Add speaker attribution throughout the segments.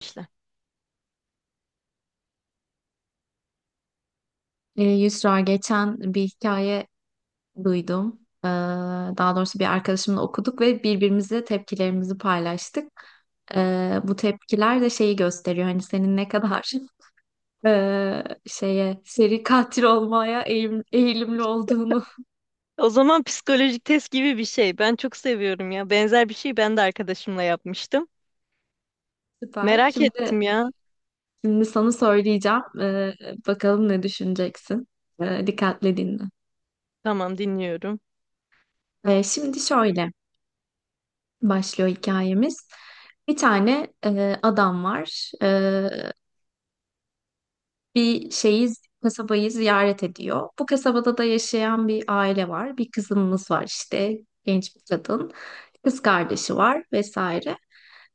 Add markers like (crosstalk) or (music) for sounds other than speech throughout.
Speaker 1: İşte.
Speaker 2: Yusra geçen bir hikaye duydum. Ee, Daha doğrusu bir arkadaşımla okuduk ve birbirimize tepkilerimizi paylaştık. Bu tepkiler de şeyi gösteriyor. Hani senin ne kadar (laughs) şeye seri katil olmaya eğilimli olduğunu.
Speaker 1: O zaman psikolojik test gibi bir şey. Ben çok seviyorum ya. Benzer bir şey ben de arkadaşımla yapmıştım.
Speaker 2: (laughs) Süper.
Speaker 1: Merak
Speaker 2: Şimdi
Speaker 1: ettim ya.
Speaker 2: şimdi sana söyleyeceğim. Bakalım ne düşüneceksin. Dikkatle dinle.
Speaker 1: Tamam, dinliyorum.
Speaker 2: Şimdi şöyle başlıyor hikayemiz. Bir tane adam var. Bir şeyi, kasabayı ziyaret ediyor. Bu kasabada da yaşayan bir aile var. Bir kızımız var işte, genç bir kadın. Kız kardeşi var vesaire.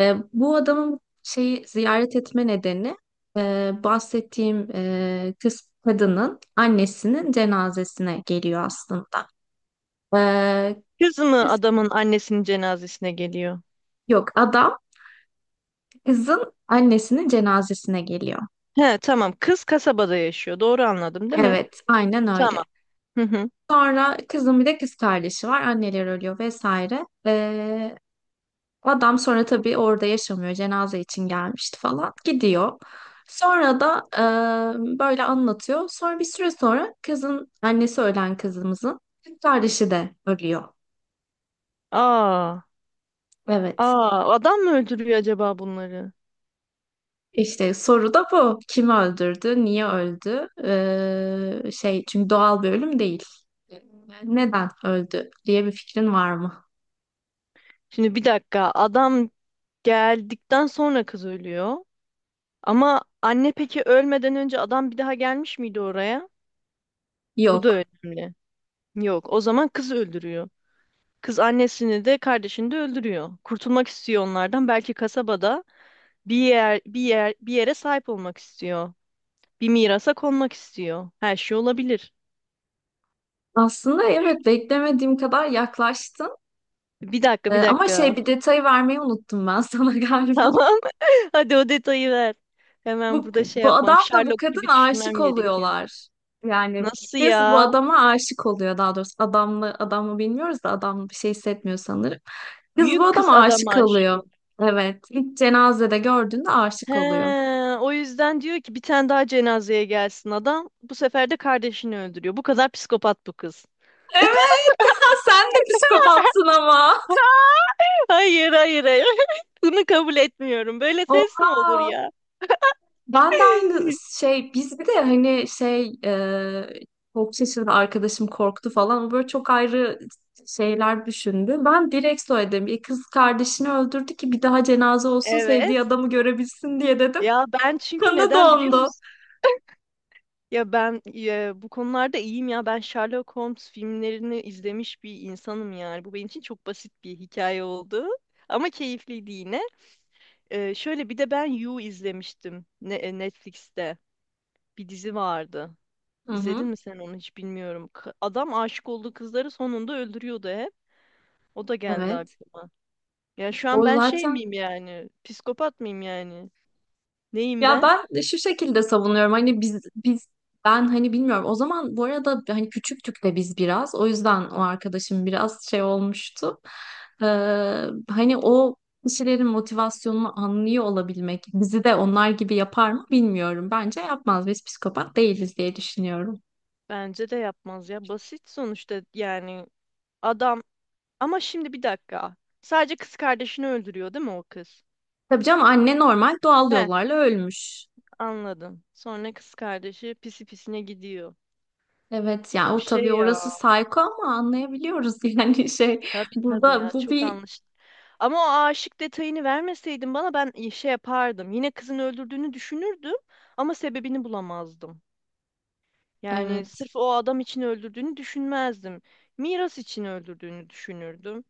Speaker 2: Bu adamın şeyi ziyaret etme nedeni bahsettiğim kız kadının annesinin cenazesine geliyor aslında. E,
Speaker 1: Kız mı
Speaker 2: Kız,
Speaker 1: adamın annesinin cenazesine geliyor?
Speaker 2: yok adam kızın annesinin cenazesine geliyor.
Speaker 1: He, tamam. Kız kasabada yaşıyor. Doğru anladım değil mi?
Speaker 2: Evet, aynen öyle.
Speaker 1: Tamam. Hı hı.
Speaker 2: Sonra kızın bir de kız kardeşi var. Anneler ölüyor vesaire. Adam sonra tabii orada yaşamıyor. Cenaze için gelmişti falan. Gidiyor. Sonra da böyle anlatıyor. Sonra bir süre sonra kızın annesi ölen kızımızın kız kardeşi de ölüyor.
Speaker 1: Aa,
Speaker 2: Evet.
Speaker 1: aa, adam mı öldürüyor acaba bunları?
Speaker 2: İşte soru da bu. Kim öldürdü? Niye öldü? Şey çünkü doğal bir ölüm değil. Neden öldü diye bir fikrin var mı?
Speaker 1: Şimdi bir dakika. Adam geldikten sonra kız ölüyor. Ama anne peki ölmeden önce adam bir daha gelmiş miydi oraya? Bu da
Speaker 2: Yok.
Speaker 1: önemli. Yok, o zaman kız öldürüyor. Kız annesini de kardeşini de öldürüyor. Kurtulmak istiyor onlardan. Belki kasabada bir yere sahip olmak istiyor. Bir mirasa konmak istiyor. Her şey olabilir.
Speaker 2: Aslında evet beklemediğim kadar yaklaştın.
Speaker 1: Bir dakika, bir
Speaker 2: Ama
Speaker 1: dakika.
Speaker 2: şey bir detayı vermeyi unuttum ben (laughs) sana
Speaker 1: (laughs)
Speaker 2: galiba.
Speaker 1: Tamam. (laughs) Hadi o detayı ver. Hemen
Speaker 2: Bu,
Speaker 1: burada şey
Speaker 2: bu
Speaker 1: yapmam.
Speaker 2: adamla bu
Speaker 1: Sherlock
Speaker 2: kadın
Speaker 1: gibi
Speaker 2: aşık
Speaker 1: düşünmem gerekiyor.
Speaker 2: oluyorlar. Yani
Speaker 1: Nasıl
Speaker 2: kız bu
Speaker 1: ya?
Speaker 2: adama aşık oluyor daha doğrusu. Adamla adamı bilmiyoruz da adam bir şey hissetmiyor sanırım. Kız bu
Speaker 1: Büyük kız
Speaker 2: adama
Speaker 1: adama
Speaker 2: aşık
Speaker 1: aşık
Speaker 2: oluyor.
Speaker 1: oluyor.
Speaker 2: Evet. ilk cenazede gördüğünde
Speaker 1: He,
Speaker 2: aşık oluyor.
Speaker 1: o yüzden diyor ki bir tane daha cenazeye gelsin adam. Bu sefer de kardeşini öldürüyor. Bu kadar psikopat bu kız.
Speaker 2: Evet, sen de psikopatsın ama.
Speaker 1: Hayır, hayır, hayır. (laughs) Bunu kabul etmiyorum. Böyle test mi olur
Speaker 2: Oha.
Speaker 1: ya?
Speaker 2: Ben de aynı
Speaker 1: (laughs)
Speaker 2: şey biz bir de hani şey çok şaşırdı arkadaşım korktu falan o böyle çok ayrı şeyler düşündü. Ben direkt söyledim bir kız kardeşini öldürdü ki bir daha cenaze olsun sevdiği
Speaker 1: Evet.
Speaker 2: adamı görebilsin diye dedim.
Speaker 1: Ya ben,
Speaker 2: (laughs)
Speaker 1: çünkü
Speaker 2: Kanı
Speaker 1: neden biliyor
Speaker 2: dondu.
Speaker 1: musun? Ya ben bu konularda iyiyim ya. Ben Sherlock Holmes filmlerini izlemiş bir insanım yani. Bu benim için çok basit bir hikaye oldu. Ama keyifliydi yine. Şöyle bir de ben You izlemiştim Netflix'te. Bir dizi vardı.
Speaker 2: Hı
Speaker 1: İzledin
Speaker 2: hı.
Speaker 1: mi sen onu hiç bilmiyorum. Adam aşık olduğu kızları sonunda öldürüyordu hep. O da geldi
Speaker 2: Evet.
Speaker 1: aklıma. Ya şu an
Speaker 2: O
Speaker 1: ben şey
Speaker 2: zaten
Speaker 1: miyim yani? Psikopat mıyım yani? Neyim
Speaker 2: ya
Speaker 1: ben?
Speaker 2: ben de şu şekilde savunuyorum hani biz ben hani bilmiyorum o zaman bu arada hani küçüktük de biz biraz o yüzden o arkadaşım biraz şey olmuştu. Ee, Hani o kişilerin motivasyonunu anlıyor olabilmek bizi de onlar gibi yapar mı bilmiyorum. Bence yapmaz biz psikopat değiliz diye düşünüyorum.
Speaker 1: Bence de yapmaz ya. Basit sonuçta yani adam. Ama şimdi bir dakika. Sadece kız kardeşini öldürüyor değil mi o kız?
Speaker 2: Tabii canım anne normal doğal
Speaker 1: He,
Speaker 2: yollarla ölmüş.
Speaker 1: anladım. Sonra kız kardeşi pisi pisine gidiyor.
Speaker 2: Evet yani
Speaker 1: Çok
Speaker 2: o
Speaker 1: şey
Speaker 2: tabii
Speaker 1: ya.
Speaker 2: orası sayko ama anlayabiliyoruz (laughs) yani şey
Speaker 1: Tabii tabii
Speaker 2: burada
Speaker 1: ya.
Speaker 2: bu
Speaker 1: Çok
Speaker 2: bir
Speaker 1: anlaşıldı. Ama o aşık detayını vermeseydin bana ben şey yapardım. Yine kızın öldürdüğünü düşünürdüm ama sebebini bulamazdım. Yani
Speaker 2: evet.
Speaker 1: sırf o adam için öldürdüğünü düşünmezdim. Miras için öldürdüğünü düşünürdüm.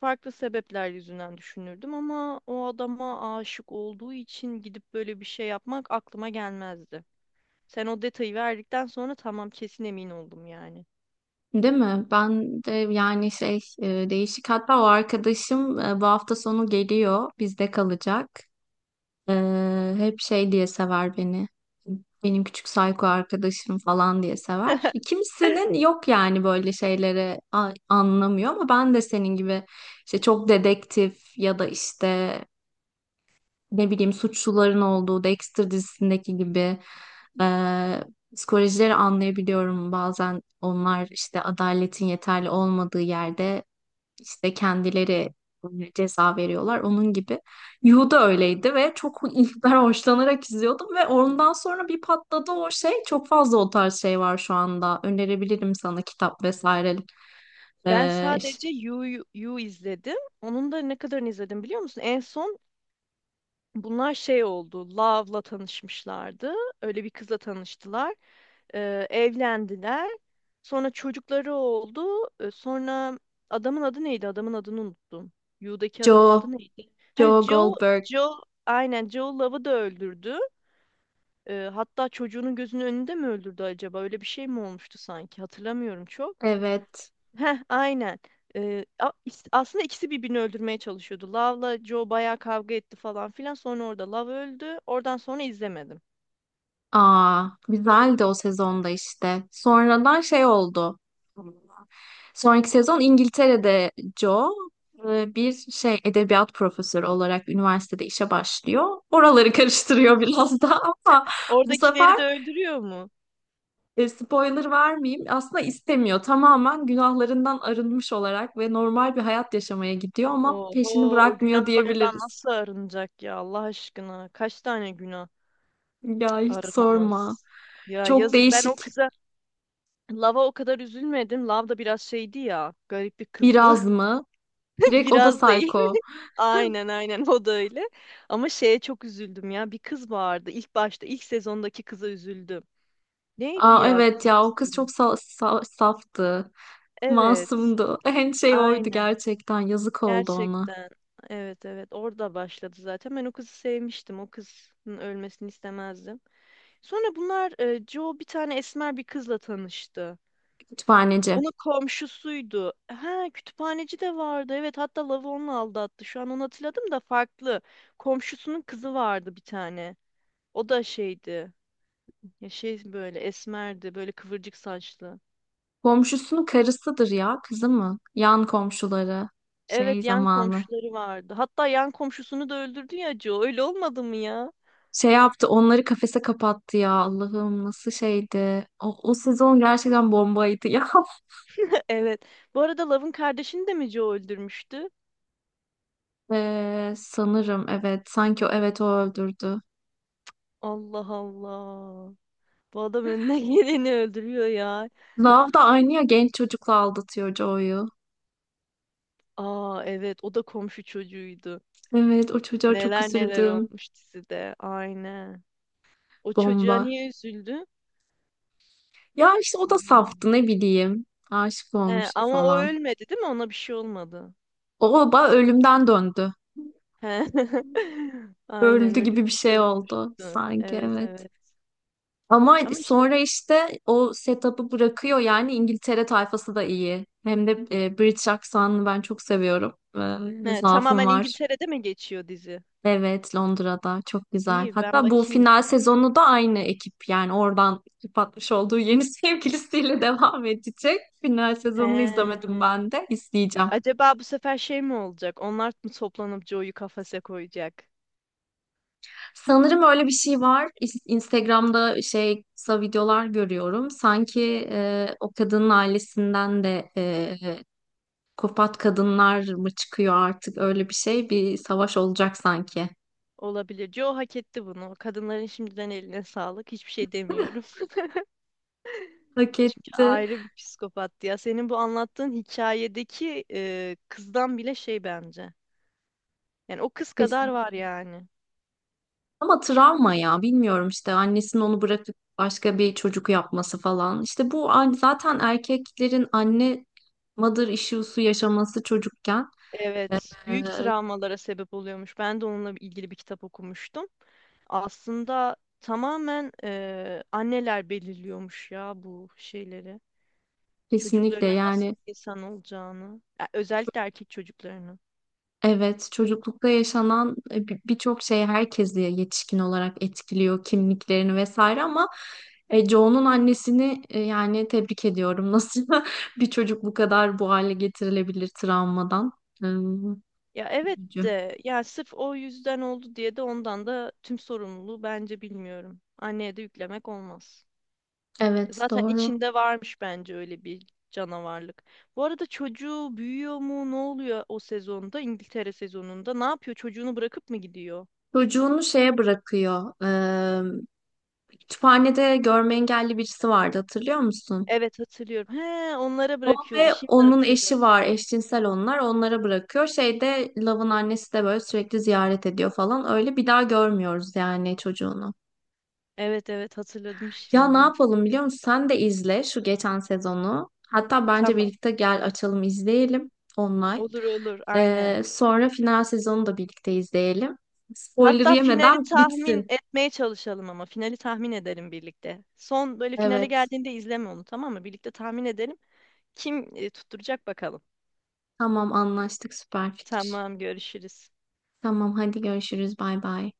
Speaker 1: Farklı sebepler yüzünden düşünürdüm ama o adama aşık olduğu için gidip böyle bir şey yapmak aklıma gelmezdi. Sen o detayı verdikten sonra tamam, kesin emin oldum yani.
Speaker 2: Değil mi? Ben de yani şey değişik hatta o arkadaşım bu hafta sonu geliyor bizde kalacak. Hep şey diye sever beni. Benim küçük psycho arkadaşım falan diye sever.
Speaker 1: (laughs)
Speaker 2: Kimsenin yok yani böyle şeyleri anlamıyor ama ben de senin gibi işte çok dedektif ya da işte ne bileyim suçluların olduğu Dexter dizisindeki gibi e, psikolojileri anlayabiliyorum. Bazen onlar işte adaletin yeterli olmadığı yerde işte kendileri ceza veriyorlar. Onun gibi Yu da öyleydi ve çok (laughs) ilkler hoşlanarak izliyordum ve ondan sonra bir patladı o şey. Çok fazla o tarz şey var şu anda. Önerebilirim sana kitap vesaire.
Speaker 1: Ben
Speaker 2: E,
Speaker 1: sadece You, You izledim. Onun da ne kadarını izledim biliyor musun? En son bunlar şey oldu. Love'la tanışmışlardı. Öyle bir kızla tanıştılar. Evlendiler. Sonra çocukları oldu. Sonra adamın adı neydi? Adamın adını unuttum. Yu'daki adamın adı
Speaker 2: Joe,
Speaker 1: neydi? Ha,
Speaker 2: Joe
Speaker 1: Joe,
Speaker 2: Goldberg.
Speaker 1: Joe, aynen Joe Love'ı da öldürdü. Hatta çocuğunun gözünün önünde mi öldürdü acaba? Öyle bir şey mi olmuştu sanki? Hatırlamıyorum çok.
Speaker 2: Evet.
Speaker 1: Heh, aynen. Aslında ikisi birbirini öldürmeye çalışıyordu. Love'la Joe bayağı kavga etti falan filan. Sonra orada Love öldü. Oradan sonra izlemedim.
Speaker 2: Aa, güzeldi o sezonda işte. Sonradan şey oldu. Sonraki sezon İngiltere'de Joe bir şey edebiyat profesörü olarak üniversitede işe başlıyor. Oraları (laughs) karıştırıyor biraz da (laughs) ama bu
Speaker 1: Oradakileri
Speaker 2: sefer
Speaker 1: de öldürüyor mu?
Speaker 2: spoiler vermeyeyim. Aslında istemiyor. Tamamen günahlarından arınmış olarak ve normal bir hayat yaşamaya gidiyor ama peşini
Speaker 1: Oho, o
Speaker 2: bırakmıyor
Speaker 1: günahlardan
Speaker 2: diyebiliriz.
Speaker 1: nasıl arınacak ya Allah aşkına? Kaç tane günah
Speaker 2: Ya hiç sorma.
Speaker 1: arınamaz? Ya
Speaker 2: Çok
Speaker 1: yazık, ben o
Speaker 2: değişik.
Speaker 1: kıza Lava o kadar üzülmedim. Lav da biraz şeydi ya. Garip bir kızdı.
Speaker 2: Biraz mı?
Speaker 1: (laughs)
Speaker 2: Direkt o da
Speaker 1: Biraz değil.
Speaker 2: psycho.
Speaker 1: (laughs) Aynen aynen o da öyle. Ama şeye çok üzüldüm ya. Bir kız vardı. İlk başta ilk sezondaki kıza üzüldüm. Neydi
Speaker 2: Aa,
Speaker 1: ya
Speaker 2: evet
Speaker 1: kızın
Speaker 2: ya o kız çok
Speaker 1: ismi?
Speaker 2: saftı.
Speaker 1: Evet.
Speaker 2: Masumdu. En şey oydu
Speaker 1: Aynen.
Speaker 2: gerçekten. Yazık oldu ona.
Speaker 1: Gerçekten. Evet, evet, orada başladı zaten. Ben o kızı sevmiştim. O kızın ölmesini istemezdim. Sonra bunlar Joe bir tane esmer bir kızla tanıştı.
Speaker 2: Kütüphaneci.
Speaker 1: Onun komşusuydu. Ha, kütüphaneci de vardı. Evet, hatta Lav'ı onunla aldattı. Şu an onu hatırladım da farklı. Komşusunun kızı vardı bir tane. O da şeydi. Ya şey böyle esmerdi. Böyle kıvırcık saçlı.
Speaker 2: Komşusunun karısıdır ya kızı mı? Yan komşuları. Şey
Speaker 1: Evet, yan
Speaker 2: zamanı.
Speaker 1: komşuları vardı. Hatta yan komşusunu da öldürdü ya Joe. Öyle olmadı mı ya?
Speaker 2: Şey yaptı onları kafese kapattı ya Allah'ım nasıl şeydi. O sezon gerçekten bombaydı ya. (laughs)
Speaker 1: Evet. Bu arada Love'ın kardeşini de mi Joe öldürmüştü?
Speaker 2: Sanırım evet sanki o evet o öldürdü.
Speaker 1: Allah Allah. Bu adam önüne (laughs) geleni öldürüyor ya.
Speaker 2: Love da aynı ya genç çocukla aldatıyor Joy'u.
Speaker 1: Aa evet, o da komşu çocuğuydu.
Speaker 2: Evet o çocuğa çok
Speaker 1: Neler neler
Speaker 2: üzüldüm.
Speaker 1: olmuş dizide. Aynen. O çocuğa
Speaker 2: Bomba.
Speaker 1: niye üzüldü?
Speaker 2: Ya işte o da
Speaker 1: Anlamadım.
Speaker 2: saftı ne bileyim. Aşık
Speaker 1: He,
Speaker 2: olmuş
Speaker 1: ama o
Speaker 2: falan.
Speaker 1: ölmedi değil mi? Ona bir şey olmadı.
Speaker 2: O da ölümden döndü.
Speaker 1: He. (laughs) Aynen
Speaker 2: Öldü
Speaker 1: öyle bir
Speaker 2: gibi bir
Speaker 1: şey
Speaker 2: şey oldu
Speaker 1: olmuştu.
Speaker 2: sanki
Speaker 1: Evet,
Speaker 2: evet.
Speaker 1: evet.
Speaker 2: Ama
Speaker 1: Ama işte
Speaker 2: sonra işte o setup'ı bırakıyor yani İngiltere tayfası da iyi. Hem de British aksanını ben çok seviyorum.
Speaker 1: he,
Speaker 2: Zaafım
Speaker 1: tamamen
Speaker 2: var.
Speaker 1: İngiltere'de mi geçiyor dizi?
Speaker 2: Evet Londra'da çok güzel.
Speaker 1: İyi, ben
Speaker 2: Hatta bu
Speaker 1: bakayım o
Speaker 2: final
Speaker 1: zaman.
Speaker 2: sezonu da aynı ekip yani oradan patmış olduğu yeni (laughs) sevgilisiyle devam edecek. Final
Speaker 1: He.
Speaker 2: sezonunu izlemedim ben de izleyeceğim.
Speaker 1: Acaba bu sefer şey mi olacak? Onlar mı toplanıp Joe'yu kafese koyacak?
Speaker 2: Sanırım öyle bir şey var. Instagram'da şey kısa videolar görüyorum. Sanki o kadının ailesinden de kopat kadınlar mı çıkıyor artık öyle bir şey. Bir savaş olacak sanki.
Speaker 1: Olabilir. Joe hak etti bunu. Kadınların şimdiden eline sağlık. Hiçbir şey demiyorum. (laughs)
Speaker 2: Hak
Speaker 1: Çünkü
Speaker 2: etti.
Speaker 1: ayrı bir psikopattı ya. Senin bu anlattığın hikayedeki kızdan bile şey bence. Yani o kız kadar
Speaker 2: Kesin.
Speaker 1: var yani.
Speaker 2: Ama travma ya bilmiyorum işte annesinin onu bırakıp başka bir çocuk yapması falan. İşte bu zaten erkeklerin anne mother issue'su yaşaması çocukken
Speaker 1: Evet, büyük
Speaker 2: e,
Speaker 1: travmalara sebep oluyormuş. Ben de onunla ilgili bir kitap okumuştum. Aslında tamamen anneler belirliyormuş ya bu şeyleri.
Speaker 2: kesinlikle
Speaker 1: Çocuklarının nasıl
Speaker 2: yani
Speaker 1: insan olacağını, ya özellikle erkek çocuklarını.
Speaker 2: evet, çocuklukta yaşanan birçok şey herkesi yetişkin olarak etkiliyor, kimliklerini vesaire ama Joe'nun annesini yani tebrik ediyorum. (laughs) Nasıl bir çocuk bu kadar bu hale getirilebilir travmadan? Hmm,
Speaker 1: Ya evet
Speaker 2: üzücü.
Speaker 1: de ya sırf o yüzden oldu diye de ondan da tüm sorumluluğu bence bilmiyorum. Anneye de yüklemek olmaz.
Speaker 2: Evet,
Speaker 1: Zaten
Speaker 2: doğru.
Speaker 1: içinde varmış bence öyle bir canavarlık. Bu arada çocuğu büyüyor mu? Ne oluyor o sezonda? İngiltere sezonunda ne yapıyor? Çocuğunu bırakıp mı gidiyor?
Speaker 2: Çocuğunu şeye bırakıyor. Kütüphanede görme engelli birisi vardı, hatırlıyor musun?
Speaker 1: Evet, hatırlıyorum. He, onlara
Speaker 2: O
Speaker 1: bırakıyordu.
Speaker 2: ve
Speaker 1: Şimdi
Speaker 2: onun
Speaker 1: hatırladım.
Speaker 2: eşi var. Eşcinsel onlar. Onlara bırakıyor. Şeyde Love'ın annesi de böyle sürekli ziyaret ediyor falan. Öyle bir daha görmüyoruz yani çocuğunu.
Speaker 1: Evet, evet, hatırladım
Speaker 2: Ya ne
Speaker 1: şimdi.
Speaker 2: yapalım biliyor musun? Sen de izle şu geçen sezonu. Hatta bence
Speaker 1: Tamam.
Speaker 2: birlikte gel açalım izleyelim online.
Speaker 1: Olur olur. Aynen.
Speaker 2: Sonra final sezonu da birlikte izleyelim. Spoiler
Speaker 1: Hatta finali
Speaker 2: yemeden
Speaker 1: tahmin
Speaker 2: bitsin.
Speaker 1: etmeye çalışalım ama finali tahmin edelim birlikte. Son böyle finale
Speaker 2: Evet.
Speaker 1: geldiğinde izleme onu, tamam mı? Birlikte tahmin edelim. Kim tutturacak bakalım.
Speaker 2: Tamam anlaştık süper fikir.
Speaker 1: Tamam, görüşürüz.
Speaker 2: Tamam hadi görüşürüz bay bay.